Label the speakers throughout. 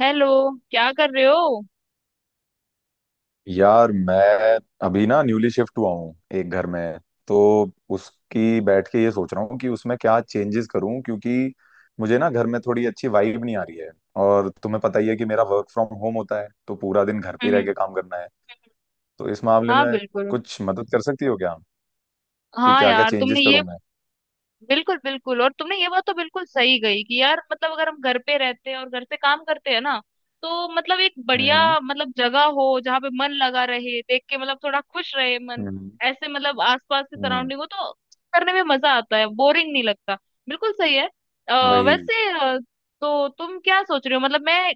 Speaker 1: Hello. क्या कर रहे हो?
Speaker 2: यार मैं अभी ना न्यूली शिफ्ट हुआ हूँ एक घर में। तो उसकी बैठ के ये सोच रहा हूँ कि उसमें क्या चेंजेस करूँ, क्योंकि मुझे ना घर में थोड़ी अच्छी वाइब नहीं आ रही है। और तुम्हें पता ही है कि मेरा वर्क फ्रॉम होम होता है, तो पूरा दिन घर पे ही रह
Speaker 1: हम्म।
Speaker 2: के काम करना है। तो इस मामले
Speaker 1: हाँ,
Speaker 2: में
Speaker 1: बिल्कुल।
Speaker 2: कुछ मदद कर सकती हो क्या, कि
Speaker 1: हाँ
Speaker 2: क्या क्या
Speaker 1: यार, तुमने
Speaker 2: चेंजेस
Speaker 1: ये
Speaker 2: करूँ मैं?
Speaker 1: बिल्कुल बिल्कुल, और तुमने ये बात तो बिल्कुल सही गई कि यार मतलब अगर हम घर पे रहते हैं और घर से काम करते हैं ना, तो मतलब एक बढ़िया
Speaker 2: हम्म।
Speaker 1: मतलब जगह हो जहाँ पे मन लगा रहे, देख के मतलब थोड़ा खुश रहे मन।
Speaker 2: हम्म।
Speaker 1: ऐसे मतलब आसपास की
Speaker 2: हम्म।
Speaker 1: सराउंडिंग हो तो करने में मजा आता है, बोरिंग नहीं लगता। बिल्कुल सही है। आ,
Speaker 2: वही।
Speaker 1: वैसे अ, तो तुम क्या सोच रहे हो मतलब? मैं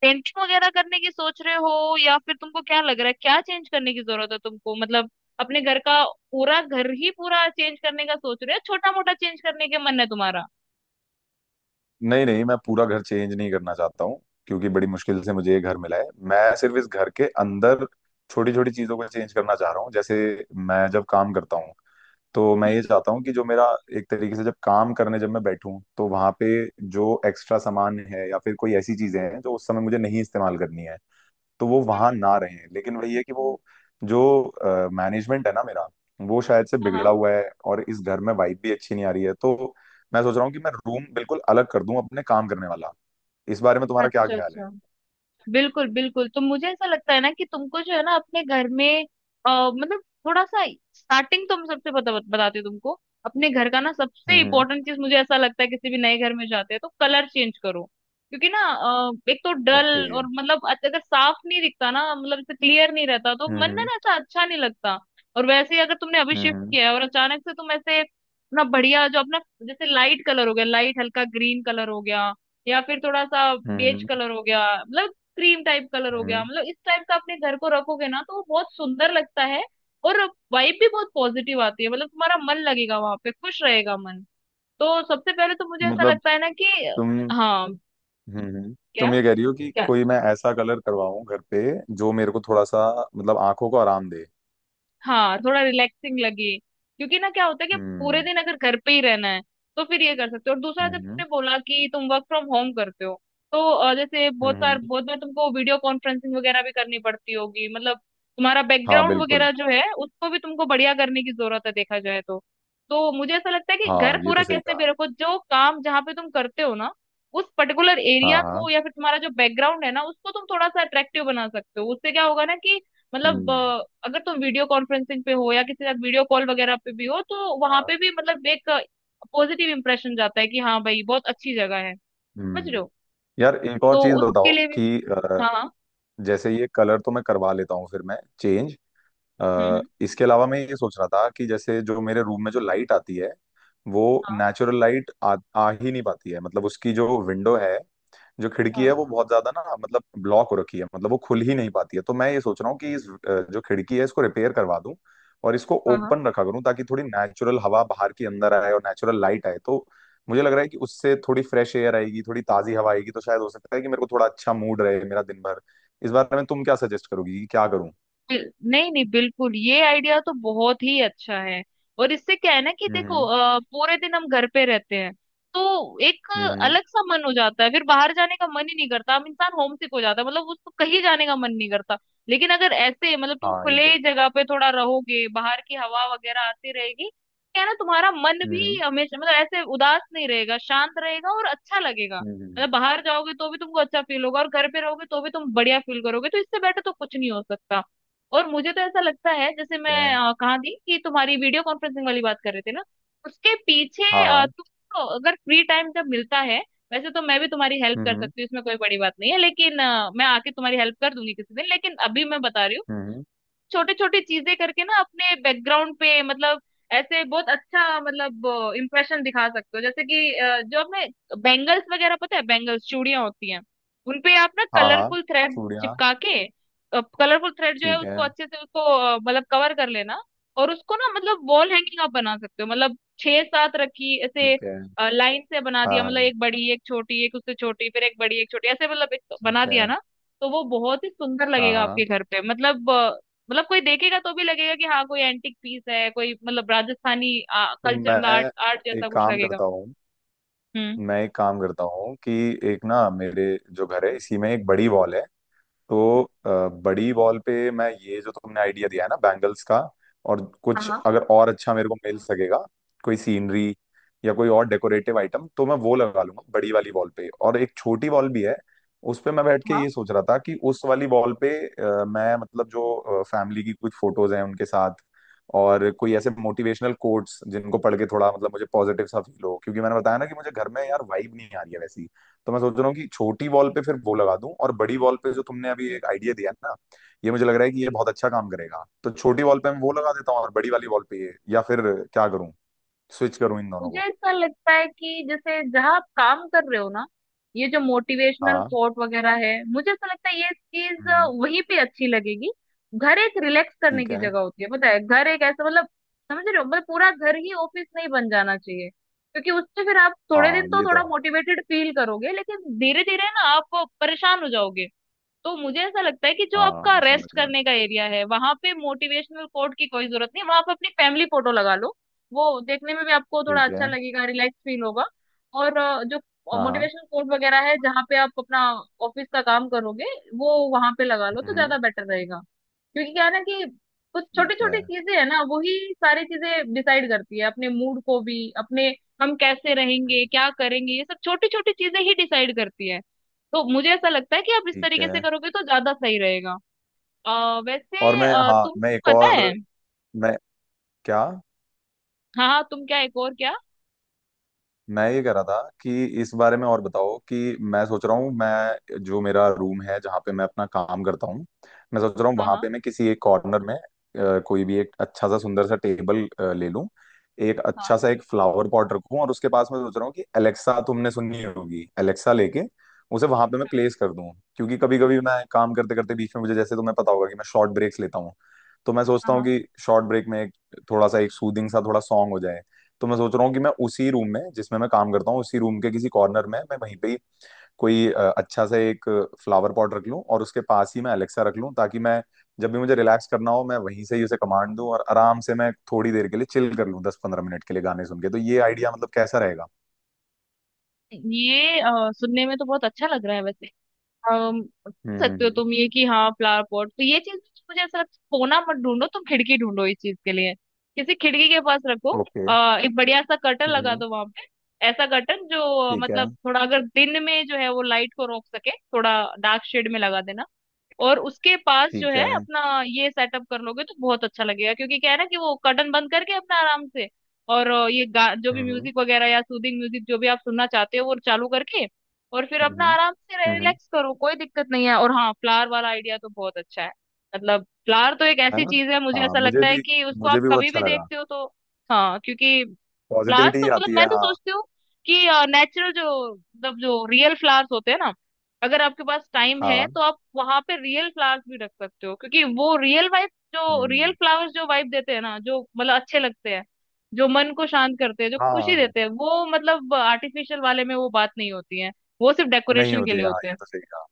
Speaker 1: पेंटिंग वगैरह करने की सोच रहे हो, या फिर तुमको क्या लग रहा है क्या चेंज करने की जरूरत है तुमको, मतलब अपने घर का? पूरा घर ही पूरा चेंज करने का सोच रहे हो, छोटा मोटा चेंज करने के मन है तुम्हारा?
Speaker 2: नहीं नहीं, मैं पूरा घर चेंज नहीं करना चाहता हूँ, क्योंकि बड़ी मुश्किल से मुझे ये घर मिला है। मैं सिर्फ इस घर के अंदर छोटी छोटी चीजों को चेंज करना चाह रहा हूँ। जैसे, मैं जब काम करता हूँ तो मैं
Speaker 1: हम्म।
Speaker 2: ये चाहता हूँ कि जो मेरा एक तरीके से, जब काम करने जब मैं बैठूं, तो वहां पे जो एक्स्ट्रा सामान है या फिर कोई ऐसी चीजें हैं जो उस समय मुझे नहीं इस्तेमाल करनी है, तो वो वहां
Speaker 1: हम्म।
Speaker 2: ना रहे। लेकिन वही है कि वो, जो मैनेजमेंट है ना मेरा, वो शायद से
Speaker 1: हाँ हाँ।
Speaker 2: बिगड़ा हुआ है। और इस घर में वाइब भी अच्छी नहीं आ रही है, तो मैं सोच रहा हूँ कि मैं रूम बिल्कुल अलग कर दूं, अपने काम करने वाला। इस बारे में तुम्हारा क्या
Speaker 1: अच्छा
Speaker 2: ख्याल है?
Speaker 1: अच्छा। बिल्कुल बिल्कुल, तो मुझे ऐसा लगता है ना कि तुमको जो है ना अपने घर में मतलब थोड़ा सा स्टार्टिंग तो मैं सबसे बताती हूँ तुमको। अपने घर का ना सबसे
Speaker 2: हम्म।
Speaker 1: इंपॉर्टेंट चीज, मुझे ऐसा लगता है किसी भी नए घर में जाते हैं तो कलर चेंज करो। क्योंकि ना एक तो
Speaker 2: ओके।
Speaker 1: डल और मतलब अगर साफ नहीं दिखता ना, मतलब क्लियर नहीं रहता तो
Speaker 2: हम्म।
Speaker 1: मन ना
Speaker 2: हम्म।
Speaker 1: ना ऐसा अच्छा नहीं लगता। और वैसे ही अगर तुमने अभी शिफ्ट
Speaker 2: हम्म।
Speaker 1: किया है और अचानक से तुम ऐसे अपना बढ़िया जो अपना जैसे लाइट कलर हो गया, लाइट हल्का ग्रीन कलर हो गया, या फिर थोड़ा सा बेज
Speaker 2: हम्म।
Speaker 1: कलर हो गया मतलब क्रीम टाइप कलर हो गया,
Speaker 2: हम्म।
Speaker 1: मतलब इस टाइप का अपने घर को रखोगे ना तो वो बहुत सुंदर लगता है। और वाइब भी बहुत पॉजिटिव आती है, मतलब तुम्हारा मन लगेगा वहां पे, खुश रहेगा मन। तो सबसे पहले तो मुझे ऐसा
Speaker 2: मतलब,
Speaker 1: लगता है ना कि
Speaker 2: तुम,
Speaker 1: हाँ।
Speaker 2: हम्म,
Speaker 1: क्या?
Speaker 2: तुम ये कह रही हो कि
Speaker 1: क्या?
Speaker 2: कोई मैं ऐसा कलर करवाऊं घर पे जो मेरे को थोड़ा सा, मतलब आंखों को आराम दे?
Speaker 1: हाँ, थोड़ा रिलैक्सिंग लगे, क्योंकि ना क्या होता है कि पूरे
Speaker 2: हम्म।
Speaker 1: दिन अगर घर पे ही रहना है तो फिर ये कर सकते हो। और दूसरा, जब तुमने
Speaker 2: हम्म।
Speaker 1: बोला कि तुम वर्क फ्रॉम होम करते हो तो जैसे
Speaker 2: हम्म।
Speaker 1: बहुत बार तुमको वीडियो कॉन्फ्रेंसिंग वगैरह भी करनी पड़ती होगी, मतलब तुम्हारा
Speaker 2: हाँ
Speaker 1: बैकग्राउंड
Speaker 2: बिल्कुल।
Speaker 1: वगैरह जो है उसको भी तुमको बढ़िया करने की जरूरत है देखा जाए तो। तो मुझे ऐसा लगता है कि घर
Speaker 2: हाँ ये
Speaker 1: पूरा
Speaker 2: तो सही
Speaker 1: कैसे
Speaker 2: कहा।
Speaker 1: भी रखो, जो काम जहाँ पे तुम करते हो ना उस पर्टिकुलर एरिया
Speaker 2: हाँ
Speaker 1: को
Speaker 2: हाँ।
Speaker 1: या फिर तुम्हारा जो बैकग्राउंड है ना उसको तुम थोड़ा सा अट्रैक्टिव बना सकते हो। उससे क्या होगा ना कि मतलब
Speaker 2: हम्म।
Speaker 1: अगर तुम वीडियो कॉन्फ्रेंसिंग पे हो या किसी के साथ वीडियो कॉल वगैरह पे भी हो, तो वहां
Speaker 2: हाँ।
Speaker 1: पे भी मतलब एक पॉजिटिव इंप्रेशन जाता है कि हाँ भाई, बहुत अच्छी जगह है। समझ रहे
Speaker 2: हम्म।
Speaker 1: हो?
Speaker 2: यार एक और
Speaker 1: तो
Speaker 2: चीज
Speaker 1: उसके
Speaker 2: बताओ
Speaker 1: लिए भी
Speaker 2: कि
Speaker 1: हाँ हाँ।
Speaker 2: जैसे ये कलर तो मैं करवा लेता हूँ, फिर मैं चेंज,
Speaker 1: हम्म।
Speaker 2: इसके अलावा मैं ये सोच रहा था कि जैसे जो मेरे रूम में जो लाइट आती है, वो
Speaker 1: हाँ
Speaker 2: नेचुरल लाइट आ ही नहीं पाती है। मतलब, उसकी जो विंडो है, जो खिड़की
Speaker 1: हाँ।
Speaker 2: है, वो बहुत ज्यादा ना, मतलब ब्लॉक हो रखी है। मतलब वो खुल ही नहीं पाती है। तो मैं ये सोच रहा हूँ कि इस जो खिड़की है, इसको रिपेयर करवा दूं, और इसको
Speaker 1: हाँ हाँ।
Speaker 2: ओपन रखा करूँ, ताकि थोड़ी नेचुरल हवा बाहर की अंदर आए और नेचुरल लाइट आए। तो मुझे लग रहा है कि उससे थोड़ी फ्रेश एयर आएगी, थोड़ी ताजी हवा आएगी, तो शायद हो सकता है कि मेरे को थोड़ा अच्छा मूड रहे मेरा दिन भर। इस बारे में तुम क्या सजेस्ट करोगी कि क्या करूँ?
Speaker 1: नहीं नहीं, बिल्कुल ये आइडिया तो बहुत ही अच्छा है। और इससे क्या है ना कि देखो
Speaker 2: हम्म।
Speaker 1: पूरे दिन हम घर पे रहते हैं तो एक
Speaker 2: हम्म।
Speaker 1: अलग सा मन हो जाता है, फिर बाहर जाने का मन ही नहीं करता, हम इंसान होमसिक हो जाता है, मतलब उसको कहीं जाने का मन नहीं करता। लेकिन अगर ऐसे मतलब तुम
Speaker 2: हाँ ये
Speaker 1: खुले
Speaker 2: तो है।
Speaker 1: जगह पे थोड़ा रहोगे, बाहर की हवा वगैरह आती रहेगी, क्या है ना तुम्हारा मन भी
Speaker 2: हम्म।
Speaker 1: हमेशा मतलब ऐसे उदास नहीं रहेगा, शांत रहेगा और अच्छा लगेगा।
Speaker 2: हम्म। हम्म।
Speaker 1: मतलब बाहर जाओगे तो भी तुमको अच्छा फील होगा और घर पे रहोगे तो भी तुम बढ़िया फील करोगे, तो इससे बेटर तो कुछ नहीं हो सकता। और मुझे तो ऐसा लगता है जैसे
Speaker 2: ठीक
Speaker 1: मैं
Speaker 2: है।
Speaker 1: कहाँ थी? कि तुम्हारी वीडियो कॉन्फ्रेंसिंग वाली बात कर रहे थे ना, उसके पीछे
Speaker 2: हाँ हाँ।
Speaker 1: तुमको अगर फ्री टाइम जब मिलता है, वैसे तो मैं भी तुम्हारी हेल्प कर
Speaker 2: हम्म।
Speaker 1: सकती हूँ, इसमें कोई बड़ी बात नहीं है, लेकिन मैं आके तुम्हारी हेल्प कर दूंगी किसी दिन, लेकिन अभी मैं बता रही हूँ,
Speaker 2: हम्म।
Speaker 1: छोटी छोटी चीजें करके ना अपने बैकग्राउंड पे मतलब ऐसे बहुत अच्छा मतलब इम्प्रेशन दिखा सकते हो। जैसे कि जो अपने बैंगल्स वगैरह, पता है बैंगल्स चूड़ियां होती हैं, उनपे आप ना
Speaker 2: हाँ हाँ।
Speaker 1: कलरफुल थ्रेड
Speaker 2: चूड़ियाँ।
Speaker 1: चिपका के, कलरफुल थ्रेड जो है
Speaker 2: ठीक है।
Speaker 1: उसको अच्छे से उसको मतलब कवर कर लेना, और उसको ना मतलब वॉल हैंगिंग आप बना सकते हो। मतलब छह सात रखी ऐसे
Speaker 2: ठीक है।
Speaker 1: लाइन से बना दिया,
Speaker 2: हाँ
Speaker 1: मतलब
Speaker 2: हाँ।
Speaker 1: एक बड़ी एक छोटी एक उससे छोटी फिर एक बड़ी एक छोटी, ऐसे मतलब एक बना
Speaker 2: ठीक है।
Speaker 1: दिया ना तो वो बहुत ही सुंदर
Speaker 2: हाँ
Speaker 1: लगेगा
Speaker 2: हाँ।
Speaker 1: आपके घर पे। मतलब मतलब कोई देखेगा तो भी लगेगा कि हाँ कोई एंटिक पीस है, कोई मतलब राजस्थानी
Speaker 2: तो
Speaker 1: कल्चर, मतलब आर्ट आर्ट
Speaker 2: एक
Speaker 1: जैसा कुछ
Speaker 2: काम
Speaker 1: लगेगा।
Speaker 2: करता हूँ
Speaker 1: हम्म।
Speaker 2: मैं एक काम करता हूँ कि एक ना, मेरे जो घर है इसी में एक बड़ी वॉल है। तो बड़ी बॉल पे मैं ये जो तुमने आइडिया दिया है ना बैंगल्स का, और कुछ
Speaker 1: हाँ
Speaker 2: अगर और अच्छा मेरे को मिल सकेगा, कोई सीनरी या कोई और डेकोरेटिव आइटम, तो मैं वो लगा लूंगा बड़ी वाली बॉल पे। और एक छोटी बॉल भी है, उस पे मैं बैठ के ये
Speaker 1: हाँ।
Speaker 2: सोच रहा था कि उस वाली बॉल पे मैं, मतलब, जो फैमिली की कुछ फोटोज हैं उनके साथ, और कोई ऐसे मोटिवेशनल कोट्स जिनको पढ़ के थोड़ा, मतलब मुझे पॉजिटिव सा फील हो, क्योंकि मैंने बताया ना कि मुझे घर में यार वाइब नहीं आ रही है वैसी। तो मैं सोच रहा हूँ कि छोटी वॉल पे फिर वो लगा दूं, और बड़ी वॉल पे जो तुमने अभी एक आइडिया दिया है ना, ये मुझे लग रहा है कि ये बहुत अच्छा काम करेगा। तो छोटी वॉल पे मैं वो लगा देता हूँ, और बड़ी वाली वॉल पे ये, या फिर क्या करूँ, स्विच करूँ इन दोनों
Speaker 1: मुझे
Speaker 2: को?
Speaker 1: ऐसा लगता है कि जैसे जहाँ आप काम कर रहे हो ना, ये जो मोटिवेशनल
Speaker 2: हाँ।
Speaker 1: कोट वगैरह है, मुझे ऐसा लगता है ये चीज
Speaker 2: हम्म।
Speaker 1: वहीं पे अच्छी लगेगी। घर एक रिलैक्स करने
Speaker 2: ठीक
Speaker 1: की
Speaker 2: है।
Speaker 1: जगह होती है, पता है? घर एक ऐसा मतलब, समझ रहे हो, मतलब पूरा घर ही ऑफिस नहीं बन जाना चाहिए। क्योंकि उससे फिर आप थोड़े
Speaker 2: हाँ
Speaker 1: दिन तो
Speaker 2: ये तो
Speaker 1: थोड़ा
Speaker 2: है।
Speaker 1: मोटिवेटेड फील करोगे, लेकिन धीरे धीरे ना आप परेशान हो जाओगे। तो मुझे ऐसा लगता है कि जो
Speaker 2: हाँ
Speaker 1: आपका
Speaker 2: मैं समझ
Speaker 1: रेस्ट
Speaker 2: रहा हूँ।
Speaker 1: करने का एरिया है, वहां पे मोटिवेशनल कोट की कोई जरूरत नहीं, वहां पे अपनी फैमिली फोटो लगा लो, वो देखने में भी आपको थोड़ा
Speaker 2: ठीक
Speaker 1: अच्छा
Speaker 2: है।
Speaker 1: लगेगा, रिलैक्स फील होगा। और जो
Speaker 2: हाँ हाँ।
Speaker 1: मोटिवेशनल कोट वगैरह है, जहाँ पे आप अपना ऑफिस का काम करोगे वो वहां पे लगा लो, तो
Speaker 2: हम्म।
Speaker 1: ज्यादा बेटर रहेगा। क्योंकि क्या है ना, कि कुछ
Speaker 2: ठीक
Speaker 1: छोटी
Speaker 2: है।
Speaker 1: छोटी चीजें है ना, वही सारी चीजें डिसाइड करती है अपने मूड को भी, अपने हम कैसे रहेंगे क्या करेंगे, ये सब छोटी छोटी चीजें ही डिसाइड करती है। तो मुझे ऐसा लगता है कि आप इस
Speaker 2: ठीक है।
Speaker 1: तरीके से करोगे तो ज्यादा सही रहेगा।
Speaker 2: और मैं, हाँ,
Speaker 1: तुम
Speaker 2: मैं एक
Speaker 1: पता है,
Speaker 2: और, मैं, क्या?
Speaker 1: हाँ हाँ, तुम क्या? एक और क्या?
Speaker 2: मैं ये कह रहा था कि इस बारे में और बताओ। कि मैं सोच रहा हूँ, मैं जो मेरा रूम है जहाँ पे मैं अपना काम करता हूँ, मैं सोच रहा हूँ
Speaker 1: हाँ
Speaker 2: वहां
Speaker 1: हाँ।
Speaker 2: पे मैं किसी एक कॉर्नर में कोई भी एक अच्छा सा सुंदर सा टेबल ले लूँ। एक अच्छा
Speaker 1: हाँ।
Speaker 2: सा एक फ्लावर पॉट रखूँ, और उसके पास मैं सोच रहा हूँ कि एलेक्सा, तुमने सुनी होगी एलेक्सा, लेके उसे वहां पे मैं प्लेस कर दूँ, क्योंकि कभी कभी मैं काम करते करते बीच में मुझे, जैसे तुम्हें पता होगा कि मैं शॉर्ट ब्रेक्स लेता हूँ, तो मैं
Speaker 1: हाँ
Speaker 2: सोचता हूँ
Speaker 1: हाँ।
Speaker 2: कि शॉर्ट ब्रेक में एक थोड़ा सा एक सूदिंग सा थोड़ा सॉन्ग हो जाए। तो मैं सोच रहा हूँ कि मैं उसी रूम में जिसमें मैं काम करता हूँ, उसी रूम के किसी कॉर्नर में मैं वहीं पे ही कोई अच्छा सा एक फ्लावर पॉट रख लूँ, और उसके पास ही मैं अलेक्सा रख लूँ, ताकि मैं जब भी मुझे रिलैक्स करना हो, मैं वहीं से ही उसे कमांड दूं, और आराम से मैं थोड़ी देर के लिए चिल कर लूँ, 10-15 मिनट के लिए गाने सुन के। तो ये आइडिया, मतलब, कैसा रहेगा?
Speaker 1: ये सुनने में तो बहुत अच्छा लग रहा है वैसे। अम, सकते हो
Speaker 2: हम्म।
Speaker 1: तुम ये कि, हाँ फ्लावर पॉट तो ये चीज, मुझे ऐसा लगता है कोना मत ढूंढो तुम, खिड़की ढूंढो इस चीज के लिए, किसी खिड़की के पास रखो।
Speaker 2: ओके।
Speaker 1: एक बढ़िया सा कर्टन लगा
Speaker 2: हम्म।
Speaker 1: दो वहां पे, ऐसा कर्टन जो
Speaker 2: ठीक है।
Speaker 1: मतलब थोड़ा अगर दिन में जो है वो लाइट को रोक सके, थोड़ा डार्क शेड में लगा देना। और उसके पास जो
Speaker 2: ठीक
Speaker 1: है
Speaker 2: है।
Speaker 1: अपना ये सेटअप कर लोगे तो बहुत अच्छा लगेगा। क्योंकि क्या है ना कि वो कर्टन बंद करके अपना आराम से, और जो भी
Speaker 2: हम्म।
Speaker 1: म्यूजिक वगैरह या सूदिंग म्यूजिक जो भी आप सुनना चाहते हो वो चालू करके और फिर अपना
Speaker 2: हम्म।
Speaker 1: आराम से
Speaker 2: हम्म।
Speaker 1: रिलैक्स करो, कोई दिक्कत नहीं है। और हाँ, फ्लावर वाला आइडिया तो बहुत अच्छा है। मतलब फ्लावर तो एक
Speaker 2: है
Speaker 1: ऐसी
Speaker 2: ना?
Speaker 1: चीज है, मुझे
Speaker 2: हाँ
Speaker 1: ऐसा
Speaker 2: मुझे
Speaker 1: लगता है
Speaker 2: भी।
Speaker 1: कि उसको
Speaker 2: मुझे
Speaker 1: आप
Speaker 2: भी वो
Speaker 1: कभी
Speaker 2: अच्छा
Speaker 1: भी
Speaker 2: लगा।
Speaker 1: देखते हो तो, हाँ क्योंकि फ्लावर्स
Speaker 2: पॉजिटिविटी
Speaker 1: तो मतलब
Speaker 2: आती
Speaker 1: मैं
Speaker 2: है,
Speaker 1: तो
Speaker 2: हाँ।
Speaker 1: सोचती हूँ कि नेचुरल जो मतलब जो रियल फ्लावर्स होते हैं ना, अगर आपके पास टाइम है
Speaker 2: हाँ।
Speaker 1: तो आप वहां पे रियल फ्लावर्स भी रख सकते हो। क्योंकि वो रियल वाइब, जो रियल
Speaker 2: हम्म।
Speaker 1: फ्लावर्स जो वाइब देते हैं ना, जो मतलब अच्छे लगते हैं, जो मन को शांत करते हैं, जो खुशी
Speaker 2: हाँ।
Speaker 1: देते हैं, वो मतलब आर्टिफिशियल वाले में वो बात नहीं होती है, वो सिर्फ
Speaker 2: नहीं
Speaker 1: डेकोरेशन के
Speaker 2: होती
Speaker 1: लिए
Speaker 2: है, हाँ
Speaker 1: होते
Speaker 2: ये
Speaker 1: हैं।
Speaker 2: तो सही कहा।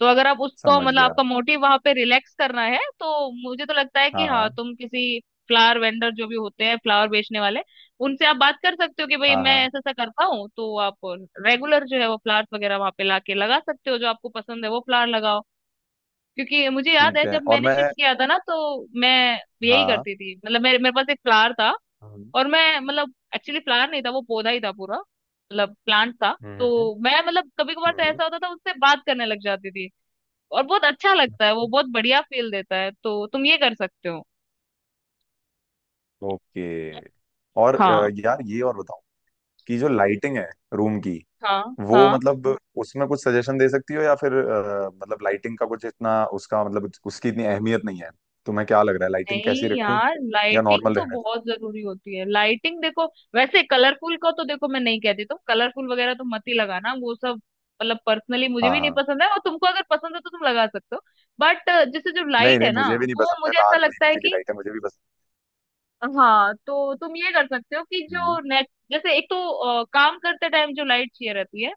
Speaker 1: तो अगर आप उसको
Speaker 2: समझ
Speaker 1: मतलब,
Speaker 2: गया।
Speaker 1: आपका मोटिव वहां पे रिलैक्स करना है तो मुझे तो लगता है कि
Speaker 2: हाँ
Speaker 1: हाँ,
Speaker 2: हाँ।
Speaker 1: तुम किसी फ्लावर वेंडर, जो भी होते हैं फ्लावर बेचने वाले, उनसे आप बात कर सकते हो कि भाई
Speaker 2: हाँ
Speaker 1: मैं
Speaker 2: हाँ।
Speaker 1: ऐसा ऐसा करता हूँ, तो आप रेगुलर जो है वो फ्लावर्स वगैरह वहां पे लाके लगा सकते हो। जो आपको पसंद है वो फ्लावर लगाओ। क्योंकि मुझे याद
Speaker 2: ठीक
Speaker 1: है
Speaker 2: है।
Speaker 1: जब
Speaker 2: और
Speaker 1: मैंने
Speaker 2: मैं,
Speaker 1: शिफ्ट किया था ना, तो मैं यही
Speaker 2: हाँ।
Speaker 1: करती थी। मतलब मेरे मेरे पास एक फ्लावर था,
Speaker 2: हम्म।
Speaker 1: और मैं मतलब एक्चुअली फ्लावर नहीं था, वो पौधा ही था पूरा, मतलब प्लांट था। तो
Speaker 2: हम्म।
Speaker 1: मैं मतलब कभी कभार तो
Speaker 2: हम्म।
Speaker 1: ऐसा होता था उससे बात करने लग जाती थी, और बहुत अच्छा लगता है, वो बहुत बढ़िया फील देता है, तो तुम ये कर सकते हो।
Speaker 2: ओके। और
Speaker 1: हाँ
Speaker 2: यार, ये और बताओ कि जो लाइटिंग है रूम की,
Speaker 1: हाँ।
Speaker 2: वो
Speaker 1: हाँ।
Speaker 2: मतलब, उसमें कुछ सजेशन दे सकती हो? या फिर मतलब लाइटिंग का कुछ इतना उसका मतलब, उसकी इतनी अहमियत नहीं है? तुम्हें क्या लग रहा है, लाइटिंग कैसी
Speaker 1: नहीं
Speaker 2: रखूं,
Speaker 1: यार,
Speaker 2: या
Speaker 1: लाइटिंग
Speaker 2: नॉर्मल
Speaker 1: तो
Speaker 2: रहने दो?
Speaker 1: बहुत जरूरी होती है। लाइटिंग देखो, वैसे कलरफुल का तो देखो मैं नहीं कहती, तुम कलरफुल वगैरह तो मत ही लगाना, वो सब मतलब पर्सनली मुझे
Speaker 2: हाँ
Speaker 1: भी नहीं
Speaker 2: हाँ।
Speaker 1: पसंद है, और तुमको अगर पसंद है तो तुम लगा सकते हो। बट जैसे जो
Speaker 2: नहीं
Speaker 1: लाइट
Speaker 2: नहीं,
Speaker 1: है ना,
Speaker 2: मुझे भी नहीं
Speaker 1: वो
Speaker 2: पसंद है
Speaker 1: मुझे ऐसा
Speaker 2: लाल
Speaker 1: लगता
Speaker 2: नीली
Speaker 1: है
Speaker 2: पीली
Speaker 1: कि,
Speaker 2: लाइट है, मुझे भी पसंद।
Speaker 1: हाँ तो तुम ये कर सकते हो कि जो
Speaker 2: हम्म।
Speaker 1: नेट जैसे एक तो काम करते टाइम जो लाइट चाहिए रहती है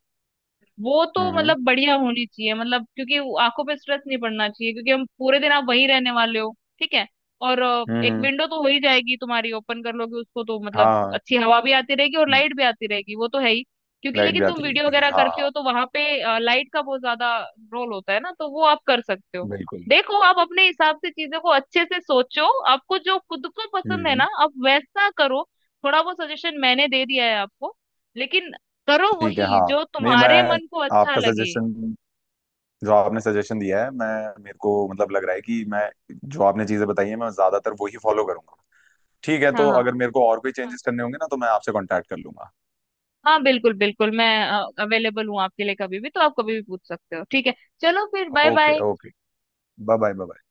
Speaker 1: वो तो
Speaker 2: हम्म।
Speaker 1: मतलब बढ़िया होनी चाहिए। मतलब क्योंकि वो आंखों पे स्ट्रेस नहीं पड़ना चाहिए, क्योंकि हम पूरे दिन आप वहीं रहने वाले हो। ठीक है। और
Speaker 2: हम्म।
Speaker 1: एक
Speaker 2: हम्म।
Speaker 1: विंडो तो हो ही जाएगी तुम्हारी, ओपन कर लोगे उसको तो मतलब
Speaker 2: हाँ हाँ।
Speaker 1: अच्छी हवा भी आती रहेगी और
Speaker 2: हम्म।
Speaker 1: लाइट भी आती रहेगी, वो तो है ही। क्योंकि
Speaker 2: लाइट भी
Speaker 1: लेकिन तुम
Speaker 2: आती
Speaker 1: वीडियो
Speaker 2: रहती है,
Speaker 1: वगैरह
Speaker 2: हाँ
Speaker 1: करते
Speaker 2: हाँ।
Speaker 1: हो तो वहां पे लाइट का बहुत ज्यादा रोल होता है ना, तो वो आप कर सकते हो।
Speaker 2: बिल्कुल।
Speaker 1: देखो आप अपने हिसाब से चीजों को अच्छे से सोचो, आपको जो खुद को पसंद
Speaker 2: हम्म।
Speaker 1: है ना
Speaker 2: हम्म।
Speaker 1: आप वैसा करो। थोड़ा बहुत सजेशन मैंने दे दिया है आपको, लेकिन करो
Speaker 2: ठीक है।
Speaker 1: वही
Speaker 2: हाँ।
Speaker 1: जो
Speaker 2: नहीं, मैं,
Speaker 1: तुम्हारे मन को अच्छा
Speaker 2: आपका
Speaker 1: लगे।
Speaker 2: सजेशन, जो आपने सजेशन दिया है, मैं, मेरे को मतलब लग रहा है कि मैं, जो आपने चीजें बताई हैं मैं ज्यादातर वो ही फॉलो करूंगा। ठीक है,
Speaker 1: हाँ
Speaker 2: तो
Speaker 1: हाँ।
Speaker 2: अगर मेरे को और कोई चेंजेस करने होंगे ना, तो मैं आपसे कांटेक्ट कर लूंगा।
Speaker 1: हाँ बिल्कुल बिल्कुल, मैं अवेलेबल हूँ आपके लिए कभी भी, तो आप कभी भी पूछ सकते हो, ठीक है? चलो फिर, bye
Speaker 2: okay
Speaker 1: bye.
Speaker 2: Okay. Bye bye bye.